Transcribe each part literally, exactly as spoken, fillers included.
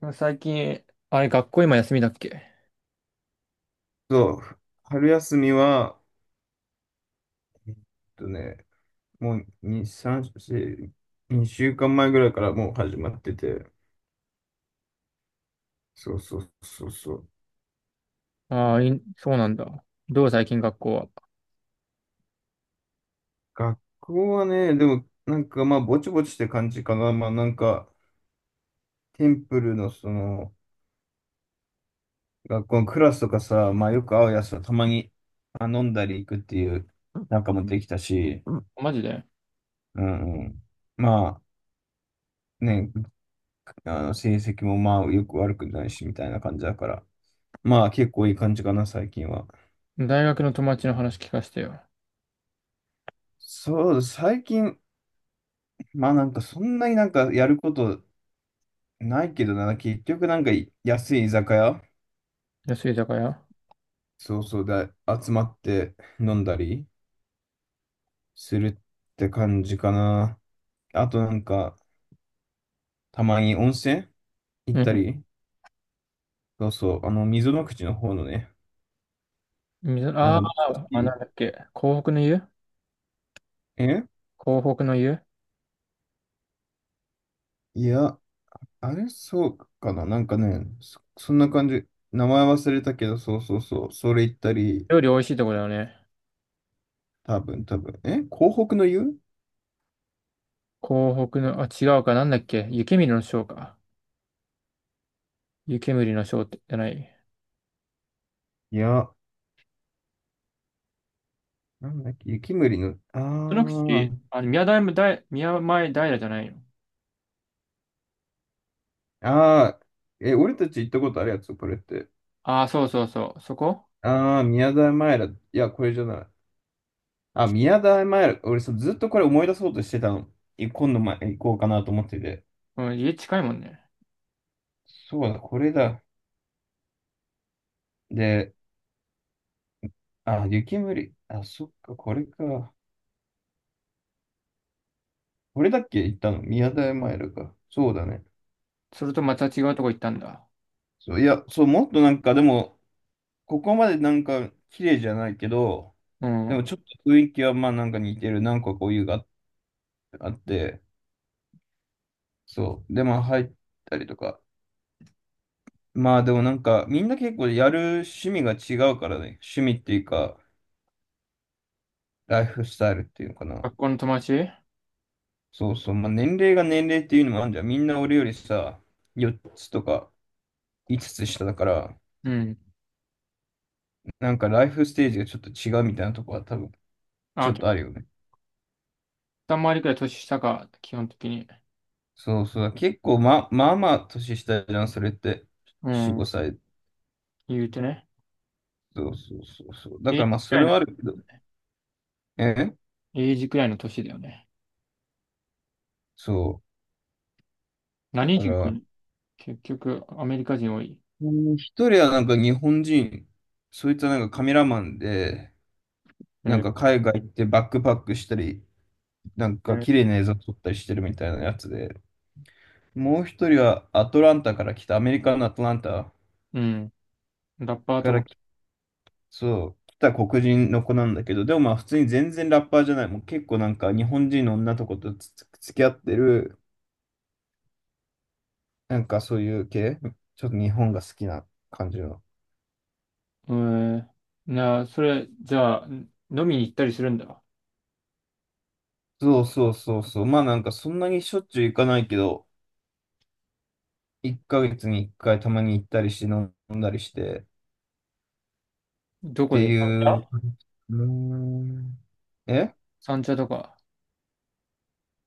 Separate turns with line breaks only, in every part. でも最近、あれ、学校今休みだっけ。
そう、春休みは、えっとね、もうに、さん、よん、にしゅうかんまえぐらいからもう始まってて、そうそうそうそう。
ああー、いそうなんだ。どう最近学校は。
学校はね、でもなんかまあぼちぼちって感じかな。まあなんか、テンプルのその、学校のクラスとかさ、まあよく会うやつはたまにあ飲んだり行くっていうん仲もできたし、
マジで。
うんうん。まあね、あの成績もまあよく悪くないしみたいな感じだから。まあ結構いい感じかな、最近は。
大学の友達の話聞かせてよ。
そう、最近、まあなんかそんなになんかやることないけどな、結局なんか安い居酒屋、
安い居酒屋。
そうそうで集まって飲んだりするって感じかな。あとなんか、たまに温泉行っ
う
た
ん。
り、そうそう、あの、溝の口の方のね、
みぞ、
な
あ
んか
あ、あ、なんだっけ。港北の湯。
え
港北の湯。
いや、あれそうかな、なんかね、そ、そんな感じ。名前忘れたけど、そうそうそう、それ行ったり、
料理美味しいとこだよね。
多分、多分。え広北の湯、
港北の、あ、違うか。なんだっけ。湯煙の章か。湯煙の章ってじゃない。
いや、なんだっけ、雪むりの、あ
その口、あの、宮台大、宮前平じゃないの。
あ、ああ、え、俺たち行ったことあるやつ、これって。
ああ、そうそうそう。そこ。
ああ、宮台前ら、いや、これじゃない。あ、宮台前ら、俺そうずっとこれ思い出そうとしてたの。い今度、ま、行こうかなと思ってて。
うん、家近いもんね。
そうだ、これだ。で、あ、雪むり、あ、そっか、これか。これだっけ行ったの宮台前らか。そうだね。
それとまた違うとこ行ったんだ。
そう、いや、そう、もっとなんか、でも、ここまでなんか、綺麗じゃないけど、
う
でも
ん。
ちょっと雰囲気はまあなんか似てる。なんかこういうがあって、そう。で、まあ入ったりとか。まあでもなんかみんな結構やる趣味が違うからね。趣味っていうか、ライフスタイルっていうのかな。
学校の友達。
そうそう。まあ年齢が年齢っていうのもあるんじゃん。みんな俺よりさ、よっつとかいつつつ下だから、
うん。
なんかライフステージがちょっと違うみたいなとこは多分ち
あ、
ょっ
結
とあるよね。
構さんまりくらい年下か、基本的に。
そうそう。結構ま、まあまあ年下じゃん、それって。
う
よん、
ん。
ごさい。
言うてね。
そうそうそうそう。だ
エ
か
イ
らま
ジ
あ
く
そ
らい
れ
の、
はあるけど。え
エイジくらいの年だよね。
そう。だ
何
か
人か
ら、
に結局、アメリカ人多い。
うん、一人はなんか日本人、そいつはなんかカメラマンで、
え
なん
ー。
か海外行ってバックパックしたり、なんか綺麗な映像撮ったりしてるみたいなやつで、もう一人はアトランタから来た、アメリカのアトランタ
うん。ラッパー
か
と
ら
か。
来、そう、来た黒人の子なんだけど、でもまあ普通に全然ラッパーじゃない、もう結構なんか日本人の女の子とつつ付き合ってる、なんかそういう系、ちょっと日本が好きな感じの。
えー、なあ、それ、じゃあ、飲みに行ったりするんだ。
そうそうそうそう。まあなんかそんなにしょっちゅう行かないけど、いっかげつにいっかいたまに行ったりして飲んだりしてっ
どこ
て
で
い
三
う。
茶。
うーん。え
三茶とか。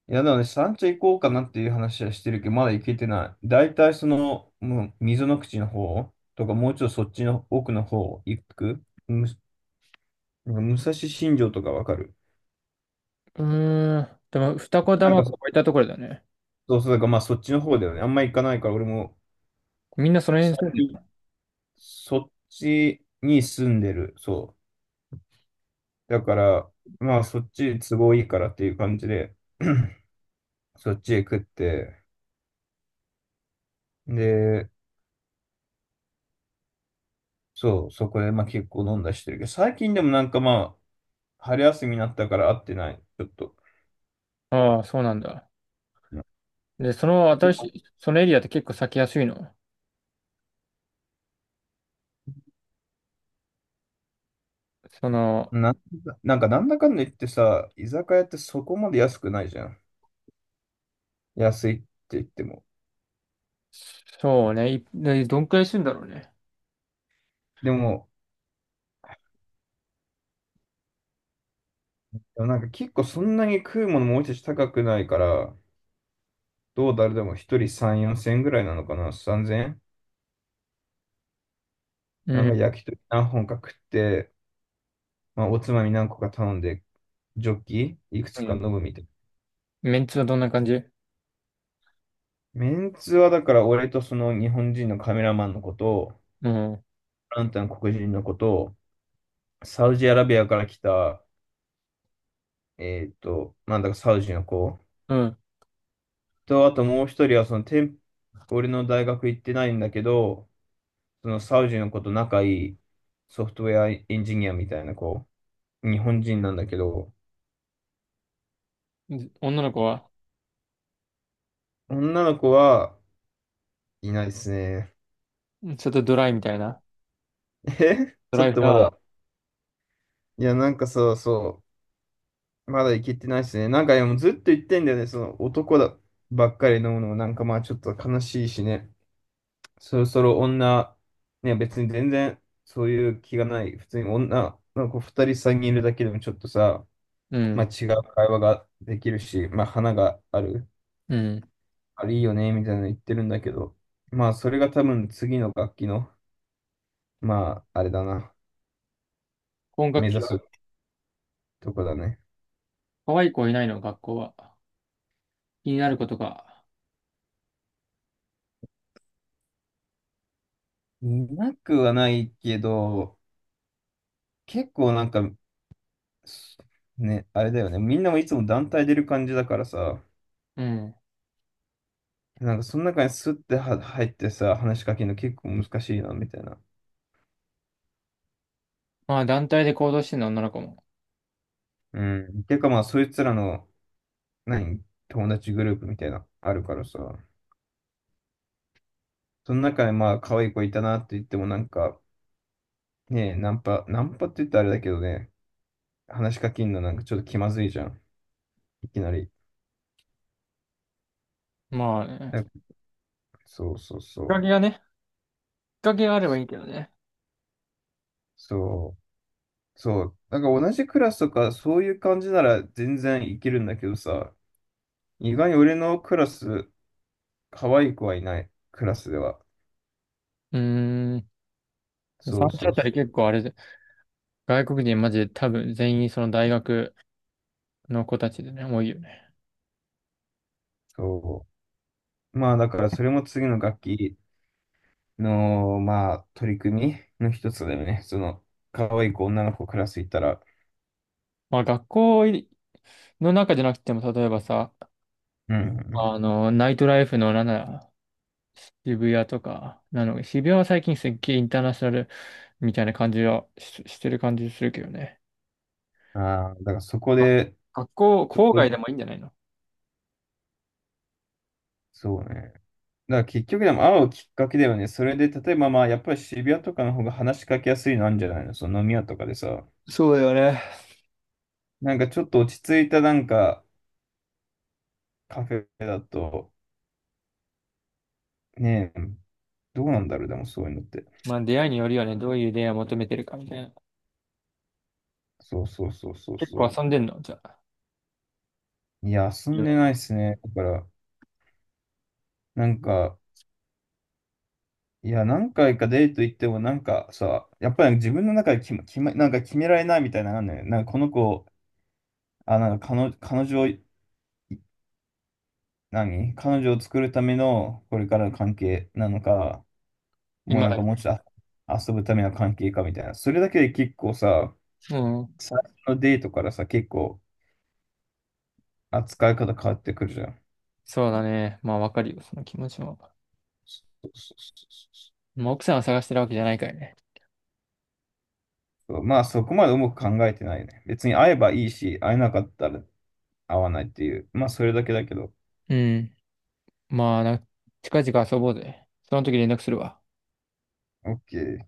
いやだね、三茶行こうかなっていう話はしてるけど、まだ行けてない。だいたいその、もう溝の口の方とか、もうちょっとそっちの奥の方行くむ、なんか武蔵新城とかわかる、
うーん。でも、二子
なん
玉
か
子
そ、
置いたところだよね。
そうそう、だからまあそっちの方だよね。あんま行かないから、俺も
みんなその辺
最
住んでる
近、そっちに住んでる。そう。だから、まあそっち都合いいからっていう感じで、そっちへ食って、で、そう、そこでまあ結構飲んだりしてるけど、最近でもなんかまあ、春休みになったから会ってない、ちょっと。
の。ああ、そうなんだ。
で
で、その新し
も、
い、そのエリアって結構咲きやすいの。その、
なんだ、なんかなんだかんだ言ってさ、居酒屋ってそこまで安くないじゃん。安いって言っても。
そうね。いでどんくらいするんだろうね。
でも、でもなんか結構そんなに食うものもう一つ高くないから、どう誰でも一人さん、よんせん円ぐらいなのかな、さんぜん円、
う
なんか
ん。
焼き鳥何本か食って、まあ、おつまみ何個か頼んで、ジョッキいくつ
う
か飲
ん。
むみたいな。
メンツはどんな感じ。
メンツはだから俺とその日本人のカメラマンのこと、
うん。
あんたの黒人のこと、サウジアラビアから来た、えーっと、なんだかサウジの子
うん。
と、あともう一人はその店、俺の大学行ってないんだけど、そのサウジの子と仲いいソフトウェアエンジニアみたいな子、日本人なんだけど、
女の子は、
女の子はいないですね。
ちょっとドライみたいな。
え
ド
ち
ラ
ょ
イ
っ
フ
と
ラ
ま
ワ
だ。いや、なんかさ、そう、まだいけてないですね。なんかでもずっと言ってんだよね。その男だばっかり飲むのもなんかまあちょっと悲しいしね。そろそろ女、ね、別に全然そういう気がない。普通に女の子ふたりさんにんいるだけでもちょっとさ、
ー。う
まあ
ん。
違う会話ができるし、まあ花がある。
うん。
あれいいよね、みたいなの言ってるんだけど。まあそれが多分次の楽器の、まああれだな。
今
目
学期
指
は、
すとこだね。
可愛い子いないの、学校は。気になることが。
いなくはないけど、結構なんかね、あれだよね。みんなもいつも団体出る感じだからさ、
うん。
なんかその中にスッては入ってさ、話しかけるの結構難しいな、みたいな。
まあ、団体で行動してるの、女の子も。
うん。てかまあ、そいつらの、何、友達グループみたいな、あるからさ、その中にまあ、可愛い子いたなって言ってもなんか、ねえ、ナンパ、ナンパって言ったらあれだけどね、話しかけるのなんかちょっと気まずいじゃん。いきなり。
まあね。きっ
だそうそうそ
か
う。
けがね、きっかけがあればいいけどね。
そう。そう。なんか同じクラスとかそういう感じなら全然いけるんだけどさ、意外に俺のクラス、可愛い子はいない、クラスでは。
うーん。
そ
産
う
地
そ
あ
う
たり
そう。
結構あれで、外国人マジで多分全員その大学の子たちでね、多いよね。
そう。まあだからそれも次の楽器の、まあ取り組みの一つだよね。その、可愛い子、女の子クラスいたら。
まあ学校の中じゃなくても、例えばさ、
う
あ
ん。
の、ナイトライフのなんなら渋谷とか、なの、渋谷は最近すっげえインターナショナルみたいな感じはし、してる感じするけどね。
ああ、だからそこ
あ、
で、
学校、
そ
郊
こ、
外でもいいんじゃないの。
そうね。だから結局でも会うきっかけだよね。それで、例えばまあやっぱり渋谷とかの方が話しかけやすいのあるんじゃないの、その飲み屋とかでさ。
そうだよね。
なんかちょっと落ち着いたなんかカフェだと、ねえ、どうなんだろう、でもそういうのって。
まあ出会いによるよね、どういう出会いを求めてるかみたいな。
そうそうそうそう
結構
そ
遊んでんのじゃあ。
う。いや、遊んで
今
ないですね。だから、なんか、いや、何回かデート行っても、なんかさ、やっぱり自分の中で決ま、決ま、なんか決められないみたいなのあるのよ。なんかこの子、あ、なんか彼女、彼女を、何彼女を作るためのこれからの関係なのか、もう
今
なん
だ
かも
け。
うちょっと遊ぶための関係かみたいな。それだけで結構さ、
うん。
最初のデートからさ、結構扱い方変わってくるじゃん。
そうだね。まあわかるよ、その気持ちも。
そうそうそう
まあ奥さんを探してるわけじゃないからね。
そう、まあそこまで重く考えてないね。別に会えばいいし、会えなかったら会わないっていう。まあそれだけだけど。
うん。まあな、近々遊ぼうぜ。その時連絡するわ。
OK。